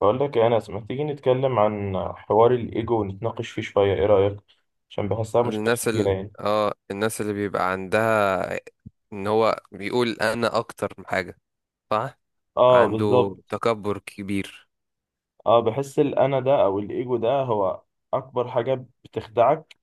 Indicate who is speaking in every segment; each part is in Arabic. Speaker 1: بقول لك يا انس، ما تيجي نتكلم عن حوار الايجو ونتناقش فيه شويه؟ ايه رايك؟ عشان بحسها مشكله
Speaker 2: الناس
Speaker 1: كبيره
Speaker 2: ال...
Speaker 1: يعني.
Speaker 2: اه الناس اللي بيبقى عندها ان هو بيقول انا اكتر من حاجة، صح،
Speaker 1: اه،
Speaker 2: عنده
Speaker 1: بالظبط.
Speaker 2: تكبر كبير.
Speaker 1: اه، بحس الانا ده او الايجو ده هو اكبر حاجه بتخدعك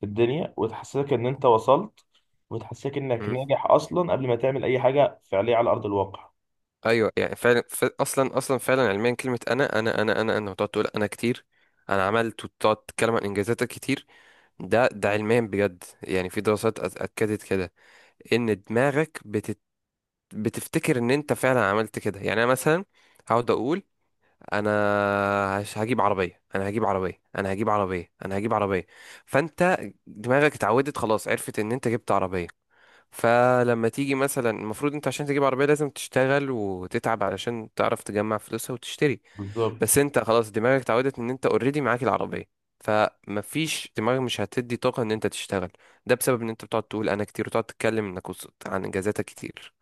Speaker 1: في الدنيا، وتحسسك ان انت وصلت، وتحسسك انك
Speaker 2: مم.
Speaker 1: ناجح اصلا قبل ما تعمل اي حاجه فعليه على ارض الواقع.
Speaker 2: ايوه، يعني فعلا، اصلا فعلا علميا كلمة انا انا انا انا انا، وتقعد تقول انا كتير، انا عملت، وتقعد تتكلم عن انجازاتك كتير. ده علميا بجد، يعني في دراسات اكدت كده ان دماغك بتفتكر ان انت فعلا عملت كده. يعني انا مثلا هقعد اقول انا، هجيب عربيه، انا هجيب عربيه، انا هجيب عربيه، انا هجيب عربيه. فانت دماغك اتعودت خلاص، عرفت ان انت جبت عربيه. فلما تيجي مثلا، المفروض انت عشان تجيب عربيه لازم تشتغل وتتعب علشان تعرف تجمع فلوسها وتشتري.
Speaker 1: بالظبط.
Speaker 2: بس انت خلاص دماغك اتعودت ان انت اوريدي معاك العربيه، فمفيش دماغك مش هتدي طاقه ان انت تشتغل. ده بسبب ان انت بتقعد تقول انا كتير وتقعد تتكلم انك وصلت عن انجازاتك كتير.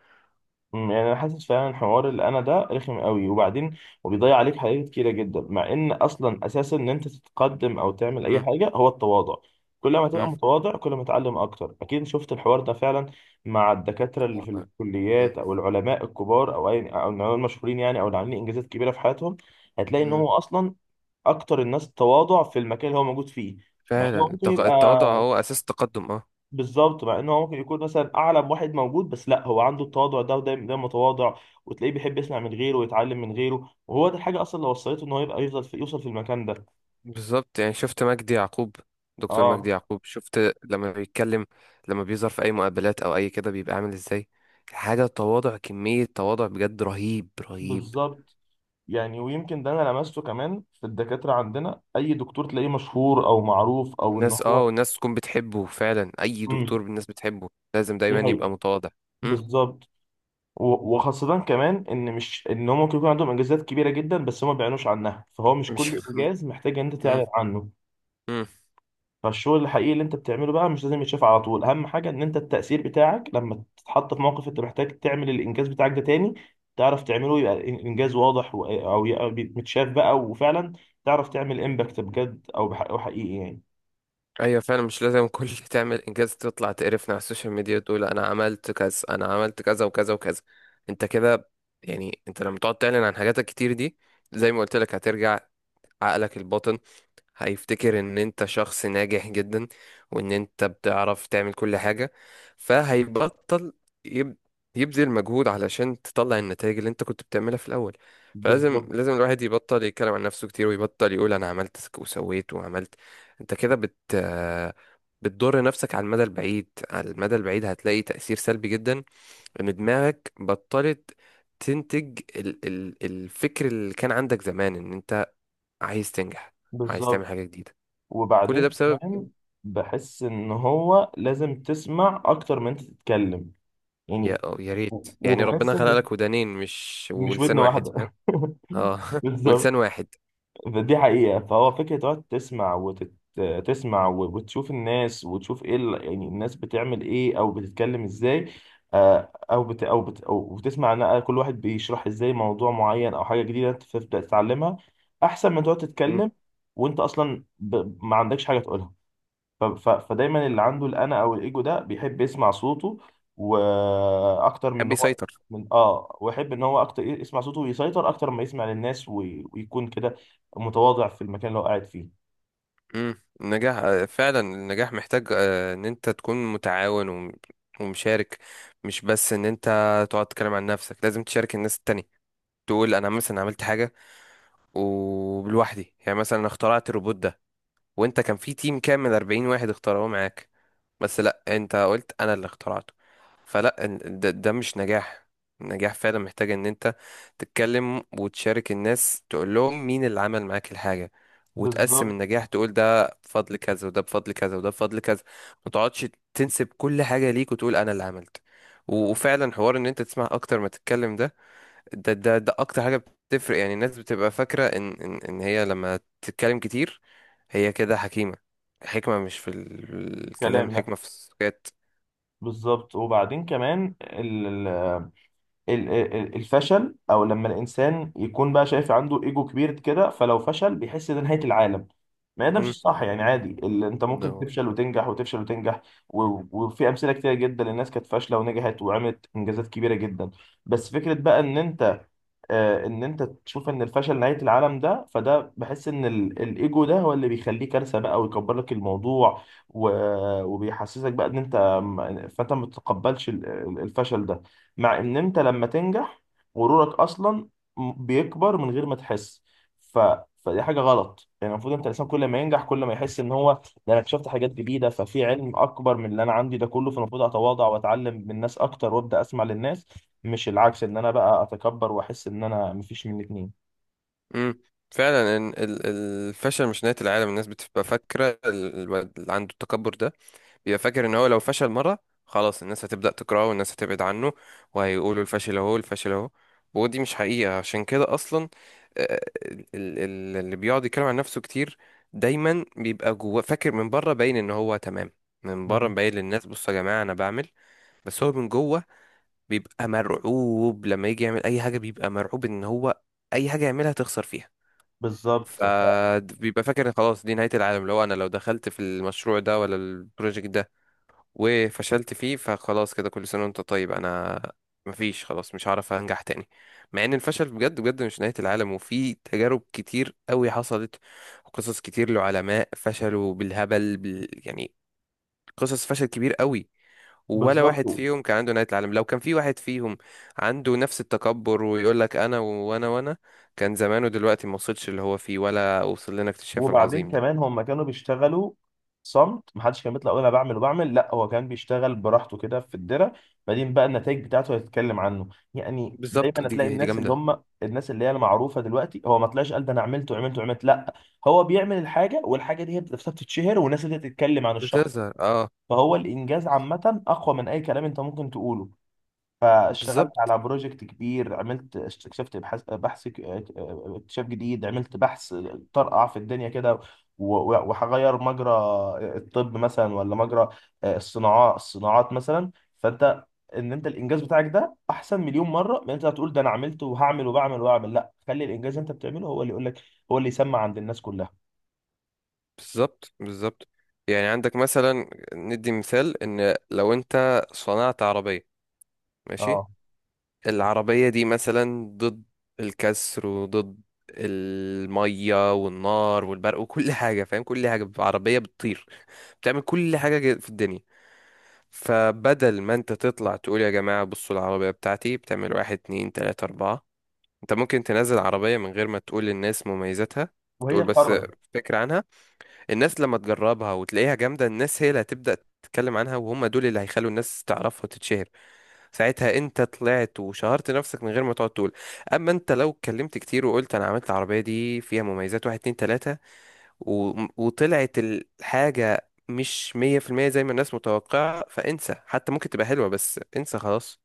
Speaker 1: يعني انا حاسس فعلا حوار الانا ده رخم قوي. وبعدين وبيضيع عليك حاجات كتيره جدا، مع ان اصلا اساسا ان انت تتقدم او تعمل اي
Speaker 2: مم.
Speaker 1: حاجه هو التواضع. كل ما تبقى
Speaker 2: مم.
Speaker 1: متواضع كل ما تعلم اكتر. اكيد شفت الحوار ده فعلا مع الدكاتره اللي في
Speaker 2: طبعاً.
Speaker 1: الكليات
Speaker 2: مم.
Speaker 1: او العلماء الكبار او اي او العلماء المشهورين يعني، او اللي عاملين انجازات كبيره في حياتهم. هتلاقي ان
Speaker 2: مم.
Speaker 1: هو اصلا اكتر الناس تواضع في المكان اللي هو موجود فيه. مع انه
Speaker 2: فعلا
Speaker 1: ممكن يبقى،
Speaker 2: التواضع هو اساس التقدم، اه.
Speaker 1: بالظبط، مع انه هو ممكن يكون مثلا اعلى واحد موجود، بس لا، هو عنده التواضع ده ودايما دايما متواضع، وتلاقيه بيحب يسمع من غيره ويتعلم من غيره، وهو ده الحاجه اصلا اللي وصلته، ان هو يبقى يفضل في يوصل في المكان ده.
Speaker 2: بالظبط، يعني شفت مجدي يعقوب، دكتور مجدي
Speaker 1: اه،
Speaker 2: يعقوب؟ شفت لما بيتكلم، لما بيظهر في اي مقابلات او اي كده بيبقى عامل ازاي حاجة؟ تواضع، كمية تواضع بجد رهيب رهيب.
Speaker 1: بالظبط. يعني ويمكن ده انا لمسته كمان في الدكاتره عندنا، اي دكتور تلاقيه مشهور او معروف او ان
Speaker 2: الناس
Speaker 1: هو.
Speaker 2: اه والناس تكون بتحبه فعلا، اي
Speaker 1: امم،
Speaker 2: دكتور الناس بتحبه لازم
Speaker 1: دي
Speaker 2: دايما يبقى
Speaker 1: حقيقة.
Speaker 2: متواضع. مم.
Speaker 1: بالظبط. و- وخاصة كمان ان مش ان هم ممكن يكون عندهم انجازات كبيرة جدا، بس هم ما بيعلنوش عنها. فهو مش
Speaker 2: مش
Speaker 1: كل انجاز محتاج ان انت
Speaker 2: مم.
Speaker 1: تعلن عنه.
Speaker 2: مم.
Speaker 1: فالشغل الحقيقي اللي انت بتعمله بقى مش لازم يتشاف على طول. اهم حاجه ان انت التاثير بتاعك، لما تتحط في موقف انت محتاج تعمل الانجاز بتاعك ده تاني تعرف تعمله، يبقى الانجاز واضح او يبقى متشاف بقى. وفعلا تعرف تعمل امباكت بجد او حقيقي يعني.
Speaker 2: ايوه فعلا مش لازم كل تعمل انجاز تطلع تقرفنا على السوشيال ميديا تقول انا عملت كذا، انا عملت كذا وكذا وكذا. انت كده، يعني انت لما تقعد تعلن عن حاجاتك كتير دي، زي ما قلت لك، هترجع عقلك الباطن هيفتكر ان انت شخص ناجح جدا وان انت بتعرف تعمل كل حاجة، فهيبطل يب... يبذل مجهود علشان تطلع النتائج اللي انت كنت بتعملها في الاول. فلازم
Speaker 1: بالظبط
Speaker 2: لازم الواحد يبطل يتكلم عن نفسه كتير ويبطل يقول انا عملت وسويت وعملت. انت كده بت بتضر نفسك على المدى البعيد، على المدى البعيد هتلاقي تأثير سلبي جدا، ان دماغك بطلت تنتج الفكر اللي كان عندك زمان ان انت عايز تنجح، عايز تعمل
Speaker 1: بالظبط.
Speaker 2: حاجة جديدة. كل
Speaker 1: وبعدين
Speaker 2: ده بسبب
Speaker 1: كمان بحس ان هو لازم تسمع اكتر من انت تتكلم.
Speaker 2: يا
Speaker 1: يعني
Speaker 2: أو يا
Speaker 1: و-
Speaker 2: ريت، يعني
Speaker 1: وبحس
Speaker 2: ربنا خلق
Speaker 1: ان
Speaker 2: لك ودانين مش
Speaker 1: مش ودن
Speaker 2: ولسان واحد،
Speaker 1: واحده
Speaker 2: فاهم؟ اه ولسان
Speaker 1: بالظبط،
Speaker 2: واحد.
Speaker 1: دي حقيقة. فهو فكرة تقعد تسمع تسمع و- وتشوف الناس، وتشوف ايه يعني الناس بتعمل ايه او بتتكلم ازاي. او بتسمع ان كل واحد بيشرح ازاي موضوع معين او حاجة جديدة انت تبدأ تتعلمها، احسن من تقعد
Speaker 2: مم.
Speaker 1: تتكلم وانت اصلا ما عندكش حاجة تقولها. ف- ف- فدايما اللي عنده الانا او الايجو ده بيحب يسمع صوته، واكتر من ان
Speaker 2: حب
Speaker 1: هو
Speaker 2: يسيطر.
Speaker 1: من اه ويحب ان هو اكتر يسمع صوته ويسيطر اكتر ما يسمع للناس، وي- ويكون كده متواضع في المكان اللي هو قاعد فيه.
Speaker 2: مم. النجاح، آه، فعلا النجاح محتاج، آه، ان انت تكون متعاون ومشارك، مش بس ان انت تقعد تتكلم عن نفسك، لازم تشارك الناس التانية. تقول انا مثلا عملت حاجة، وبلوحدي يعني مثلا اخترعت الروبوت ده، وانت كان في تيم كامل 40 واحد اختاروه معاك، بس لا، انت قلت انا اللي اخترعته. فلا ده مش نجاح. النجاح فعلا محتاج ان انت تتكلم وتشارك الناس، تقول لهم مين اللي عمل معاك الحاجة، وتقسم
Speaker 1: بالظبط.
Speaker 2: النجاح، تقول ده بفضل كذا وده بفضل كذا وده بفضل كذا. ما تقعدش تنسب كل حاجة ليك وتقول انا اللي عملت. وفعلا حوار ان انت تسمع اكتر ما تتكلم ده، ده اكتر حاجه بتفرق. يعني الناس بتبقى فاكره ان هي لما تتكلم كتير، هي كده حكيمه. الحكمه مش في الكلام،
Speaker 1: كلام، لا.
Speaker 2: الحكمه في السكات.
Speaker 1: بالظبط. وبعدين كمان ال- ال- الفشل، او لما الانسان يكون بقى شايف عنده ايجو كبير كده، فلو فشل بيحس ده نهايه العالم. ما هي ده مش
Speaker 2: امم
Speaker 1: الصح يعني، عادي، انت
Speaker 2: ده
Speaker 1: ممكن
Speaker 2: هو
Speaker 1: تفشل
Speaker 2: ده.
Speaker 1: وتنجح وتفشل وتنجح. و- وفي امثله كتير جدا للناس كانت فاشله ونجحت وعملت انجازات كبيره جدا. بس فكره بقى ان انت، ان انت تشوف ان الفشل نهايه العالم ده، فده بحس ان ال- الايجو ده هو اللي بيخليه كارثه بقى ويكبر لك الموضوع، و- وبيحسسك بقى ان انت، فانت ما تتقبلش الفشل ده. مع ان انت لما تنجح غرورك اصلا بيكبر من غير ما تحس. ف... فدي حاجه غلط يعني. المفروض انت الانسان كل ما ينجح كل ما يحس ان هو ده انا اكتشفت حاجات جديده، ففي علم اكبر من اللي انا عندي ده كله، فالمفروض اتواضع واتعلم من الناس اكتر وابدا اسمع للناس، مش العكس ان انا بقى اتكبر واحس ان انا. مفيش من الاتنين.
Speaker 2: امم فعلا إن الفشل مش نهايه العالم. الناس بتبقى فاكره الواد اللي عنده التكبر ده بيبقى فاكر ان هو لو فشل مرة خلاص الناس هتبدأ تكرهه والناس هتبعد عنه، وهيقولوا الفاشل اهو، الفاشل اهو. ودي مش حقيقة، عشان كده اصلا، آه، ال- اللي بيقعد يتكلم عن نفسه كتير دايما بيبقى جوه فاكر، من بره باين ان هو تمام، من بره
Speaker 1: مم.
Speaker 2: مبين للناس بصوا يا جماعة انا بعمل، بس هو من جوه بيبقى مرعوب لما يجي يعمل اي حاجة، بيبقى مرعوب ان هو اي حاجة يعملها تخسر فيها.
Speaker 1: بالظبط
Speaker 2: فبيبقى فاكر إن خلاص دي نهاية العالم، لو انا لو دخلت في المشروع ده ولا البروجكت ده وفشلت فيه فخلاص كده، كل سنة وانت طيب، انا مفيش، خلاص مش هعرف انجح تاني. مع ان الفشل بجد بجد مش نهاية العالم، وفي تجارب كتير قوي حصلت، وقصص كتير لعلماء فشلوا بالهبل يعني قصص فشل كبير قوي، ولا
Speaker 1: بالظبط.
Speaker 2: واحد فيهم كان عنده نهاية العالم. لو كان في واحد فيهم عنده نفس التكبر ويقول لك انا وانا وانا، كان زمانه دلوقتي ما وصلش اللي هو فيه ولا وصل لنا اكتشاف
Speaker 1: وبعدين
Speaker 2: العظيم ده.
Speaker 1: كمان هم كانوا بيشتغلوا صمت، محدش كان بيطلع يقول انا بعمل وبعمل، لا، هو كان بيشتغل براحته كده في الدرة. بعدين بقى النتائج بتاعته هيتكلم عنه. يعني
Speaker 2: بالظبط،
Speaker 1: دايما هتلاقي
Speaker 2: دي
Speaker 1: الناس اللي
Speaker 2: جامدة.
Speaker 1: هم الناس اللي هي المعروفه دلوقتي، هو ما طلعش قال ده انا عملت وعملت وعملت، لا. هو بيعمل الحاجه، والحاجه دي هي نفسها بتتشهر والناس اللي تتكلم عن الشخص.
Speaker 2: بتظهر، اه.
Speaker 1: فهو الانجاز عامه اقوى من اي كلام انت ممكن تقوله. فاشتغلت
Speaker 2: بالظبط،
Speaker 1: على بروجكت كبير، عملت، اكتشفت، اكتشاف جديد، عملت بحث طرقع في الدنيا كده، و- و- وهغير مجرى الطب مثلا، ولا مجرى الصناعات، الصناعات مثلا. فانت ان انت الانجاز بتاعك ده احسن مليون مره من انت هتقول ده انا عملت وهعمل وبعمل واعمل. لا، خلي الانجاز اللي انت بتعمله هو اللي يقول لك، هو اللي يسمع عند الناس كلها.
Speaker 2: بالظبط، بالظبط، يعني عندك مثلا، ندي مثال، ان لو انت صنعت عربية، ماشي،
Speaker 1: اه.
Speaker 2: العربية دي مثلا ضد الكسر وضد المية والنار والبرق وكل حاجة، فاهم؟ كل حاجة، عربية بتطير، بتعمل كل حاجة في الدنيا. فبدل ما انت تطلع تقول يا جماعة بصوا العربية بتاعتي بتعمل واحد اتنين تلاتة اربعة، انت ممكن تنزل عربية من غير ما تقول للناس مميزاتها،
Speaker 1: وهي
Speaker 2: تقول بس
Speaker 1: قرر.
Speaker 2: فكرة عنها. الناس لما تجربها وتلاقيها جامدة، الناس هي اللي هتبدأ تتكلم عنها، وهم دول اللي هيخلوا الناس تعرفها وتتشهر. ساعتها انت طلعت وشهرت نفسك من غير ما تقعد تقول. اما انت لو اتكلمت كتير وقلت انا عملت العربية دي فيها مميزات واحد اتنين تلاتة، و... وطلعت الحاجة مش مية في المية زي ما الناس متوقعة، فانسى، حتى ممكن تبقى حلوة بس انسى خلاص.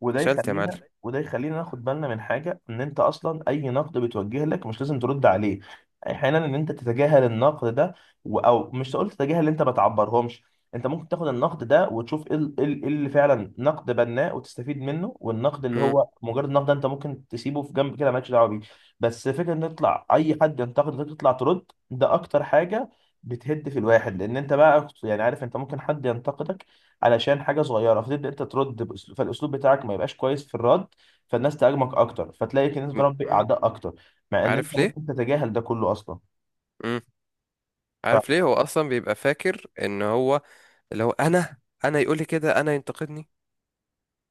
Speaker 1: وده
Speaker 2: فشلت يا معلم.
Speaker 1: يخلينا وده يخلينا ناخد بالنا من حاجه، ان انت اصلا اي نقد بيتوجه لك مش لازم ترد عليه. احيانا ان انت تتجاهل النقد ده، او مش تقول تتجاهل، انت ما تعبرهمش. انت ممكن تاخد النقد ده وتشوف ايه ال- إيه ال- إيه اللي فعلا نقد بناء وتستفيد منه، والنقد اللي
Speaker 2: مم.
Speaker 1: هو مجرد نقد ده انت ممكن تسيبه في جنب كده مالكش دعوه بيه. بس فكره ان يطلع اي حد ينتقدك تطلع ترد، ده اكتر حاجه بتهد في الواحد، لان انت بقى يعني عارف انت ممكن حد ينتقدك علشان حاجه صغيره، فتبدا انت ترد باسلوب، فالاسلوب بتاعك ما يبقاش كويس في الرد، فالناس تهاجمك اكتر، فتلاقي ان انت تربي
Speaker 2: مم.
Speaker 1: اعداء اكتر، مع ان انت
Speaker 2: عارف ليه؟
Speaker 1: ممكن تتجاهل ده كله اصلا.
Speaker 2: مم. عارف ليه هو اصلا بيبقى فاكر ان هو اللي هو انا؟ انا يقول لي كده، انا ينتقدني.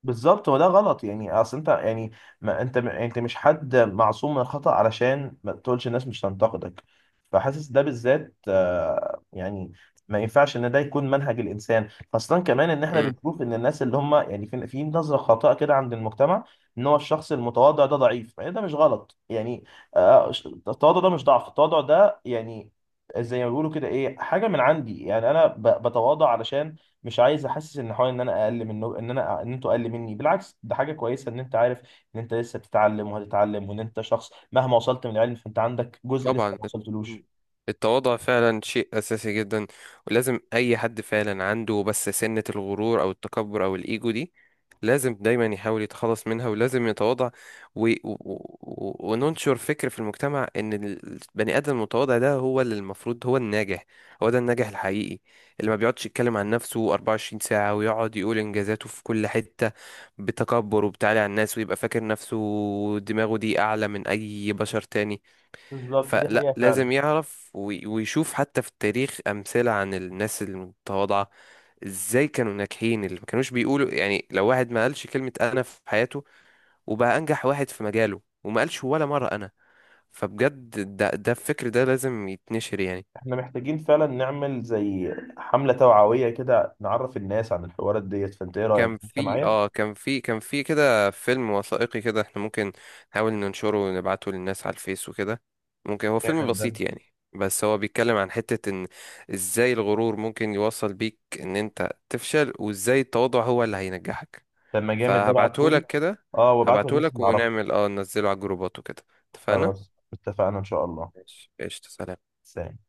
Speaker 1: بالظبط، وده غلط يعني. اصل انت يعني، ما انت انت مش حد معصوم من الخطأ علشان ما تقولش الناس مش تنتقدك. فحاسس ده بالذات يعني ما ينفعش ان ده يكون منهج الانسان، خاصة كمان ان احنا بنشوف ان الناس اللي هم يعني في في نظرة خاطئة كده عند المجتمع، ان هو الشخص المتواضع ده ضعيف يعني. ده مش غلط يعني. آه، التواضع ده مش ضعف. التواضع ده يعني زي ما بيقولوا كده، ايه حاجة من عندي. يعني انا بتواضع علشان مش عايز احسس ان حوالي ان انا اقل منه، ان انا، ان انتوا اقل مني. بالعكس، ده حاجه كويسه، ان انت عارف ان انت لسه بتتعلم وهتتعلم، وان انت شخص مهما وصلت من العلم فانت عندك جزء لسه
Speaker 2: طبعا،
Speaker 1: ما وصلتلوش.
Speaker 2: التواضع فعلا شيء أساسي جدا، ولازم أي حد فعلا عنده بس سنة الغرور أو التكبر أو الإيجو دي، لازم دايما يحاول يتخلص منها ولازم يتواضع، وننشر فكر في المجتمع إن البني آدم المتواضع ده هو اللي المفروض هو الناجح. هو ده الناجح الحقيقي، اللي ما بيقعدش يتكلم عن نفسه 24 ساعة ويقعد يقول إنجازاته في كل حتة، بتكبر وبتعالي على الناس، ويبقى فاكر نفسه دماغه دي أعلى من أي بشر تاني.
Speaker 1: بالظبط، دي
Speaker 2: فلا،
Speaker 1: حقيقه فعلا.
Speaker 2: لازم يعرف ويشوف حتى في التاريخ أمثلة عن الناس المتواضعة، ازاي كانوا ناجحين، اللي ما كانوش بيقولوا، يعني لو واحد ما قالش كلمة أنا في حياته وبقى أنجح واحد في مجاله وما قالش ولا مرة أنا. فبجد ده الفكر ده لازم يتنشر، يعني
Speaker 1: احنا محتاجين فعلا نعمل زي حمله توعويه كده، نعرف الناس عن الحوارات ديت. فانت ايه رايك،
Speaker 2: كان
Speaker 1: انت
Speaker 2: في
Speaker 1: معايا؟
Speaker 2: اه كان في كان في كده فيلم وثائقي، كده احنا ممكن نحاول ننشره ونبعته للناس على الفيس وكده. ممكن هو فيلم
Speaker 1: جامد ده.
Speaker 2: بسيط يعني، بس هو بيتكلم عن حتة ان ازاي الغرور ممكن يوصل بيك ان انت تفشل وازاي التواضع هو اللي هينجحك.
Speaker 1: لما جامد ده، ابعتهولي.
Speaker 2: فهبعتهولك كده،
Speaker 1: اه، وابعته للناس
Speaker 2: هبعتهولك
Speaker 1: اللي اعرفها.
Speaker 2: ونعمل ننزله على الجروبات وكده. اتفقنا؟
Speaker 1: خلاص، اتفقنا ان شاء الله.
Speaker 2: ماشي، قشطة، سلام.
Speaker 1: سلام.